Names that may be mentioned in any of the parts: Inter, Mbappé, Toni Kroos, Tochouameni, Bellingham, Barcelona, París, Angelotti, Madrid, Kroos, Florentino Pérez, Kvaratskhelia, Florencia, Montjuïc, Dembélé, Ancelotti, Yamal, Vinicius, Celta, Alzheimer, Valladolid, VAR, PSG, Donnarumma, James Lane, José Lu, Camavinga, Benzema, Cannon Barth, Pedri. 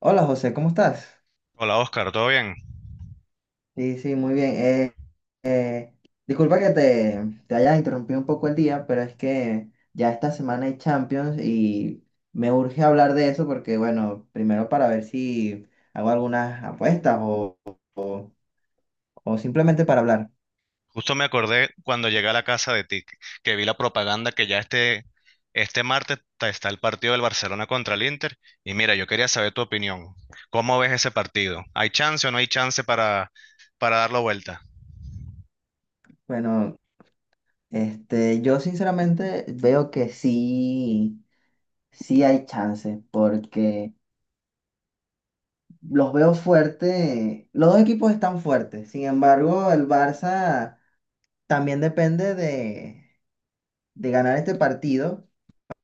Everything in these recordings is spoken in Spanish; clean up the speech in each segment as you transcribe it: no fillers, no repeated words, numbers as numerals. Hola José, ¿cómo estás? Hola Oscar, ¿todo bien? Sí, sí, muy bien. Eh, disculpa que te haya interrumpido un poco el día, pero es que ya esta semana hay Champions y me urge hablar de eso porque, bueno, primero para ver si hago algunas apuestas o- o simplemente para hablar. Justo me acordé cuando llegué a la casa de ti, que vi la propaganda que ya este martes está el partido del Barcelona contra el Inter. Y mira, yo quería saber tu opinión. ¿Cómo ves ese partido? ¿Hay chance o no hay chance para darlo vuelta? Bueno, yo sinceramente veo que sí, sí hay chance porque los veo fuerte, los dos equipos están fuertes, sin embargo, el Barça. También depende de ganar este partido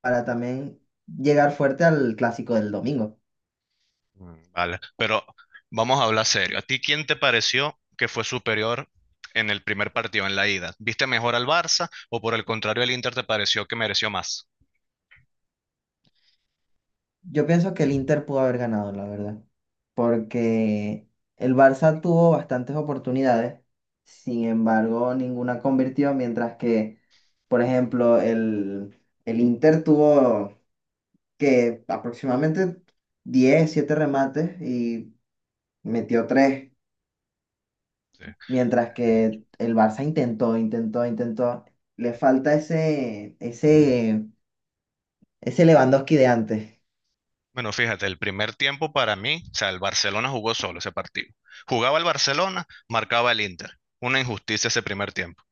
para también llegar fuerte al clásico del domingo. Mm, vale, pero vamos a hablar serio. ¿A ti quién te pareció que fue superior en el primer partido, en la ida? ¿Viste mejor al Barça o por el contrario el Inter te pareció que mereció más? Yo pienso que el Inter pudo haber ganado, la verdad, porque el Barça tuvo bastantes oportunidades, sin embargo, ninguna convirtió, mientras que, por ejemplo, el Inter tuvo que aproximadamente 10 7 remates y metió tres. Sí. Mientras que el Barça intentó, intentó, intentó. Le falta ese Lewandowski de antes. Bueno, fíjate, el primer tiempo para mí, o sea, el Barcelona jugó solo ese partido. Jugaba el Barcelona, marcaba el Inter. Una injusticia ese primer tiempo.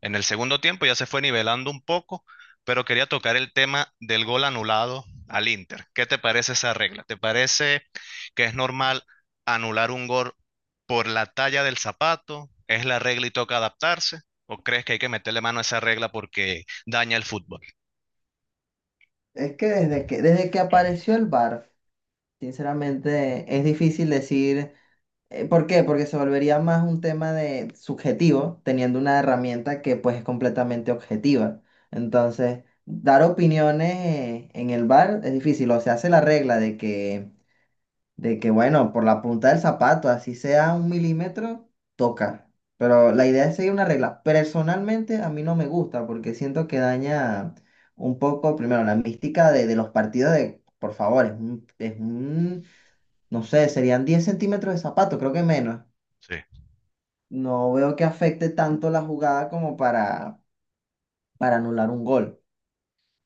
En el segundo tiempo ya se fue nivelando un poco, pero quería tocar el tema del gol anulado al Inter. ¿Qué te parece esa regla? ¿Te parece que es normal anular un gol por la talla del zapato? ¿Es la regla y toca adaptarse? ¿O crees que hay que meterle mano a esa regla porque daña el fútbol? Es que desde que apareció el VAR, sinceramente, es difícil decir. ¿Por qué? Porque se volvería más un tema de subjetivo, teniendo una herramienta que pues es completamente objetiva. Entonces, dar opiniones en el VAR es difícil. O se hace la regla de que bueno, por la punta del zapato, así sea un milímetro, toca. Pero la idea es seguir una regla. Personalmente a mí no me gusta porque siento que daña un poco, primero, la mística de los partidos de, por favor, no sé, serían 10 centímetros de zapato, creo que menos. Sí. No veo que afecte tanto la jugada como para anular un gol.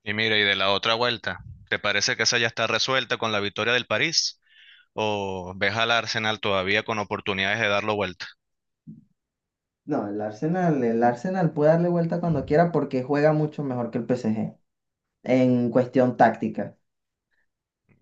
Y mira, y de la otra vuelta, ¿te parece que esa ya está resuelta con la victoria del París? ¿O ves al Arsenal todavía con oportunidades de darlo vuelta? No, el Arsenal puede darle vuelta cuando quiera porque juega mucho mejor que el PSG en cuestión táctica.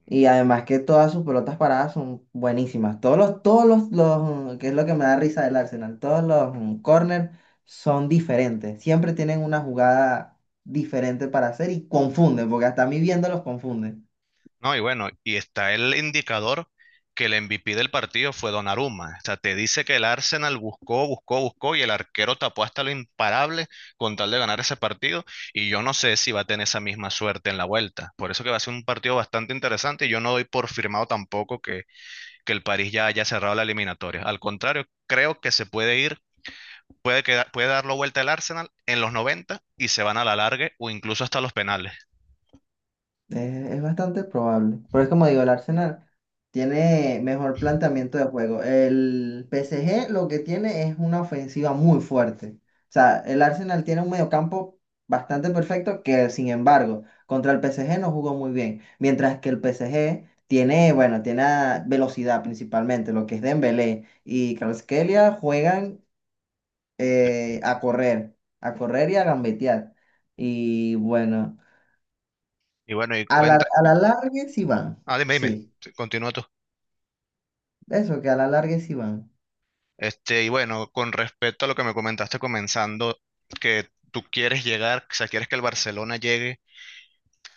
Y además que todas sus pelotas paradas son buenísimas. Todos los, mm, que es lo que me da risa del Arsenal, todos los corners son diferentes. Siempre tienen una jugada diferente para hacer y confunden, porque hasta a mí viéndolos confunden. No, y bueno, y está el indicador que el MVP del partido fue Donnarumma. O sea, te dice que el Arsenal buscó, buscó, buscó y el arquero tapó hasta lo imparable con tal de ganar ese partido. Y yo no sé si va a tener esa misma suerte en la vuelta. Por eso que va a ser un partido bastante interesante y yo no doy por firmado tampoco que el París ya haya cerrado la eliminatoria. Al contrario, creo que se puede ir puede, quedar, puede darlo vuelta el Arsenal en los 90 y se van a la larga o incluso hasta los penales. Es, es bastante probable. Pero es como digo, el Arsenal tiene mejor planteamiento de juego. El PSG lo que tiene es una ofensiva muy fuerte. O sea, el Arsenal tiene un mediocampo bastante perfecto que, sin embargo, contra el PSG no jugó muy bien. Mientras que el PSG tiene, bueno, velocidad principalmente. Lo que es Dembélé y Kvaratskhelia juegan Sí. A correr y a gambetear. Y bueno. Y bueno, y A la, cuenta. a la larga sí van, Ah, dime, sí, dime. Sí, continúa tú. eso, que a la larga sí van. Y bueno, con respecto a lo que me comentaste comenzando, que tú quieres llegar, o sea, quieres que el Barcelona llegue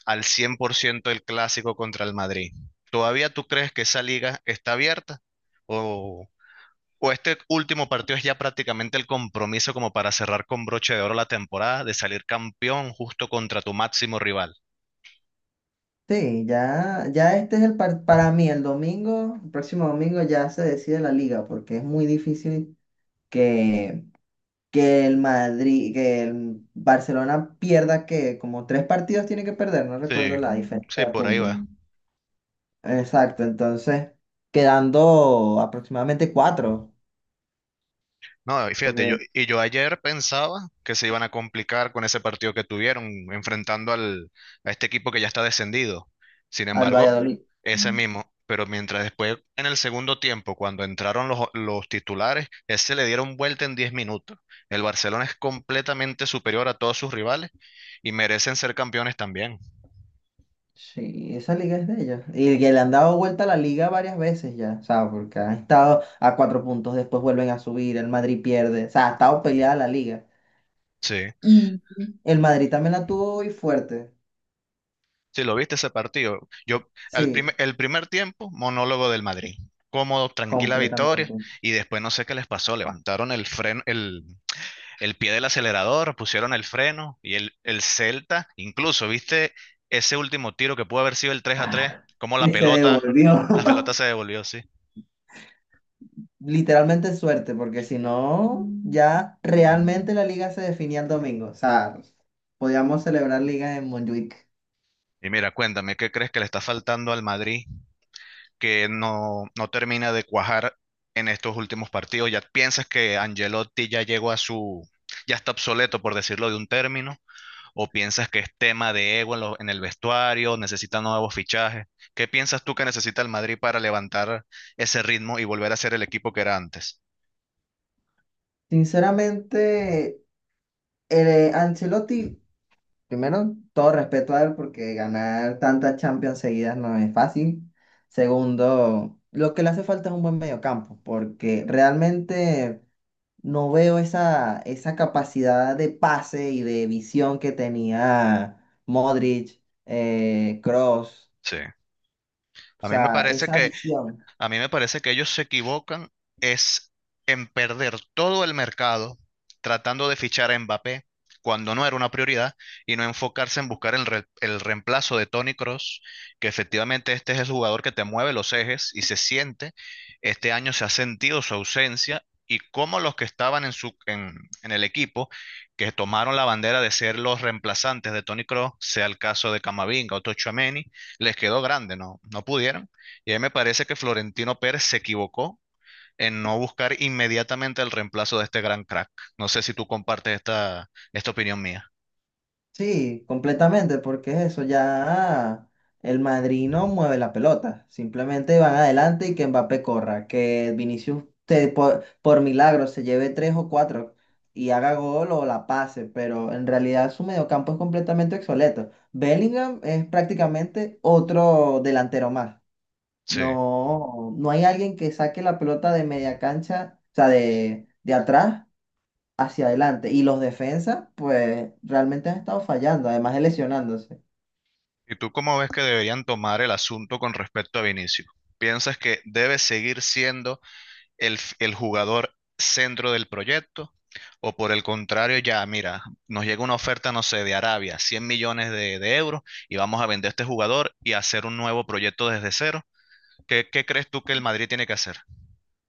al 100% del clásico contra el Madrid. ¿Todavía tú crees que esa liga está abierta? ¿O, o este último partido es ya prácticamente el compromiso como para cerrar con broche de oro la temporada de salir campeón justo contra tu máximo rival? Sí, ya, ya para mí el domingo, el próximo domingo ya se decide la liga, porque es muy difícil que, que el Madrid, que el Barcelona pierda que como tres partidos tiene que perder, no Sí, recuerdo la diferencia sí, de por ahí puntos. Mm. va. Exacto, entonces quedando aproximadamente cuatro, No, y fíjate, yo, porque y yo ayer pensaba que se iban a complicar con ese partido que tuvieron, enfrentando a este equipo que ya está descendido. Sin al embargo, Valladolid. ese mismo. Pero mientras después, en el segundo tiempo, cuando entraron los titulares, ese le dieron vuelta en 10 minutos. El Barcelona es completamente superior a todos sus rivales y merecen ser campeones también. Sí, esa liga es de ellos. Y que le han dado vuelta a la liga varias veces ya, o sea, porque han estado a cuatro puntos, después vuelven a subir, el Madrid pierde, o sea, ha estado peleada la liga. Sí. Y el Madrid también la tuvo hoy fuerte, Si lo viste ese partido, yo al primer, sí, el primer tiempo, monólogo del Madrid. Cómodo, tranquila victoria, completamente. y después no sé qué les pasó, levantaron el freno, el pie del acelerador, pusieron el freno, y el Celta, incluso, ¿viste ese último tiro que pudo haber sido el 3-3? Ah, Como la que se pelota, devolvió. la pelota se devolvió, sí. Literalmente suerte, porque si no, ya realmente la liga se definía el domingo, o sea, podíamos celebrar liga en Montjuic. Y mira, cuéntame, ¿qué crees que le está faltando al Madrid que no, no termina de cuajar en estos últimos partidos? ¿Ya piensas que Angelotti ya llegó a su, ya está obsoleto, por decirlo de un término? ¿O piensas que es tema de ego en el vestuario, necesita nuevos fichajes? ¿Qué piensas tú que necesita el Madrid para levantar ese ritmo y volver a ser el equipo que era antes? Sinceramente, Ancelotti. Primero, todo respeto a él porque ganar tantas Champions seguidas no es fácil. Segundo, lo que le hace falta es un buen mediocampo porque realmente no veo esa capacidad de pase y de visión que tenía Modric, Kroos, Sí. o A mí me sea, parece esa que visión. A mí me parece que ellos se equivocan es en perder todo el mercado tratando de fichar a Mbappé cuando no era una prioridad y no enfocarse en buscar el reemplazo de Toni Kroos, que efectivamente este es el jugador que te mueve los ejes y se siente. Este año se ha sentido su ausencia y como los que estaban en el equipo, que tomaron la bandera de ser los reemplazantes de Toni Kroos, sea el caso de Camavinga o Tochouameni, les quedó grande, ¿no? No pudieron y ahí me parece que Florentino Pérez se equivocó en no buscar inmediatamente el reemplazo de este gran crack. No sé si tú compartes esta opinión mía. Sí, completamente, porque es eso, ya el Madrid no mueve la pelota, simplemente van adelante y que Mbappé corra, que Vinicius por milagro se lleve tres o cuatro y haga gol o la pase, pero en realidad su mediocampo es completamente obsoleto. Bellingham es prácticamente otro delantero más. Sí. No, no hay alguien que saque la pelota de media cancha, o sea, de atrás hacia adelante. Y los defensas, pues realmente han estado fallando, además de lesionándose. ¿Y tú cómo ves que deberían tomar el asunto con respecto a Vinicius? ¿Piensas que debe seguir siendo el jugador centro del proyecto? ¿O por el contrario, ya, mira, nos llega una oferta, no sé, de Arabia, 100 millones de euros, y vamos a vender este jugador y hacer un nuevo proyecto desde cero? ¿Qué crees tú que el Madrid tiene que hacer?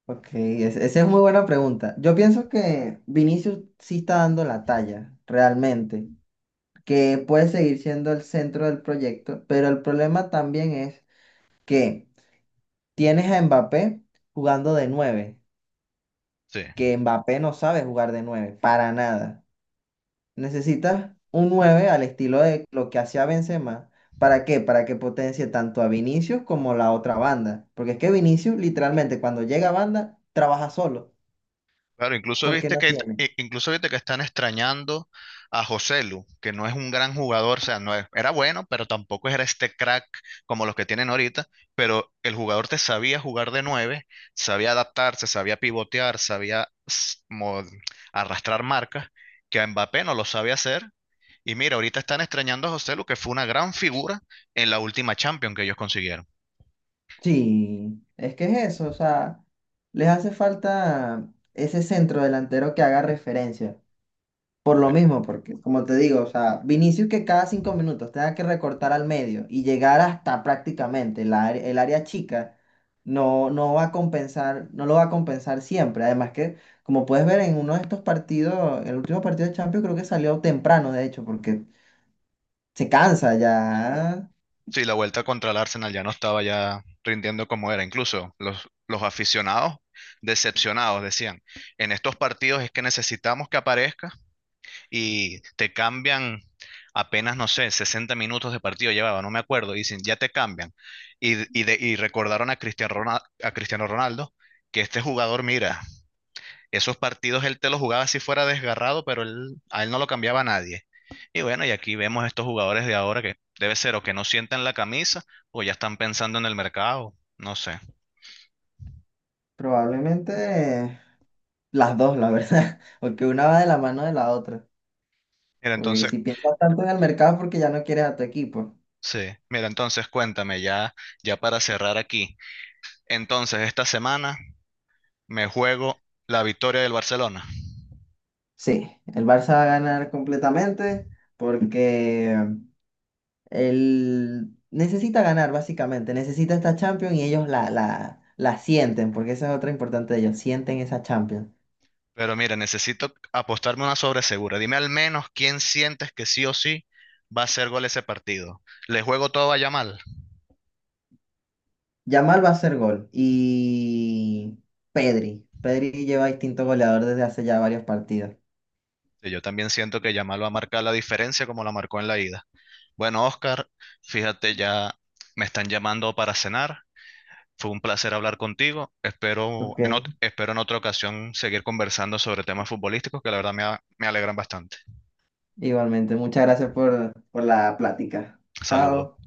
Ok, esa es muy buena pregunta. Yo pienso que Vinicius sí está dando la talla, realmente, que puede seguir siendo el centro del proyecto, pero el problema también es que tienes a Mbappé jugando de nueve, Sí. que Mbappé no sabe jugar de nueve, para nada. Necesitas un 9 al estilo de lo que hacía Benzema. ¿Para qué? Para que potencie tanto a Vinicius como la otra banda. Porque es que Vinicius literalmente cuando llega a banda trabaja solo, Claro, incluso porque viste no que tiene. eh, incluso viste que están extrañando a José Lu, que no es un gran jugador, o sea, no es- era bueno, pero tampoco era este crack como los que tienen ahorita, pero el jugador te sabía jugar de 9, sabía adaptarse, sabía pivotear, sabía arrastrar marcas, que a Mbappé no lo sabe hacer. Y mira, ahorita están extrañando a José Lu, que fue una gran figura en la última Champions que ellos consiguieron. Sí, es que es eso, o sea, les hace falta ese centro delantero que haga referencia. Por lo Sí, mismo, porque como te digo, o sea, Vinicius que cada 5 minutos tenga que recortar al medio y llegar hasta prácticamente el área chica, no, no va a compensar, no lo va a compensar siempre. Además que, como puedes ver en uno de estos partidos, el último partido de Champions creo que salió temprano, de hecho, porque se cansa ya, sí, la vuelta contra el Arsenal ya no estaba ya rindiendo como era. Incluso los aficionados decepcionados decían, en estos partidos es que necesitamos que aparezca y te cambian apenas, no sé, 60 minutos de partido llevaba, no me acuerdo, y dicen, ya te cambian. Y recordaron a Cristiano Ronaldo que este jugador, mira, esos partidos él te los jugaba si fuera desgarrado, pero él, a él no lo cambiaba nadie. Y bueno, y aquí vemos estos jugadores de ahora que debe ser o que no sientan la camisa o ya están pensando en el mercado, no sé. probablemente las dos, la verdad, porque una va de la mano de la otra. Mira, Porque entonces, si piensas tanto en el mercado es porque ya no quieres a tu equipo. sí, mira, entonces cuéntame ya para cerrar aquí. Entonces, esta semana me juego la victoria del Barcelona. Sí, el Barça va a ganar completamente porque él necesita ganar básicamente, necesita esta Champions y ellos la sienten, porque esa es otra importante de ellos, sienten esa Champions. Pero mira, necesito apostarme una sobresegura. Dime al menos quién sientes que sí o sí va a hacer gol ese partido. ¿Le juego todo a Yamal? Yamal va a hacer gol y Pedri, Pedri lleva distinto goleador desde hace ya varios partidos. Sí, yo también siento que Yamal va a marcar la diferencia como la marcó en la ida. Bueno, Oscar, fíjate, ya me están llamando para cenar. Fue un placer hablar contigo. Espero Ok. en, ot- espero en otra ocasión seguir conversando sobre temas futbolísticos que la verdad me alegran bastante. Igualmente, muchas gracias por la plática. Saludos. Chao.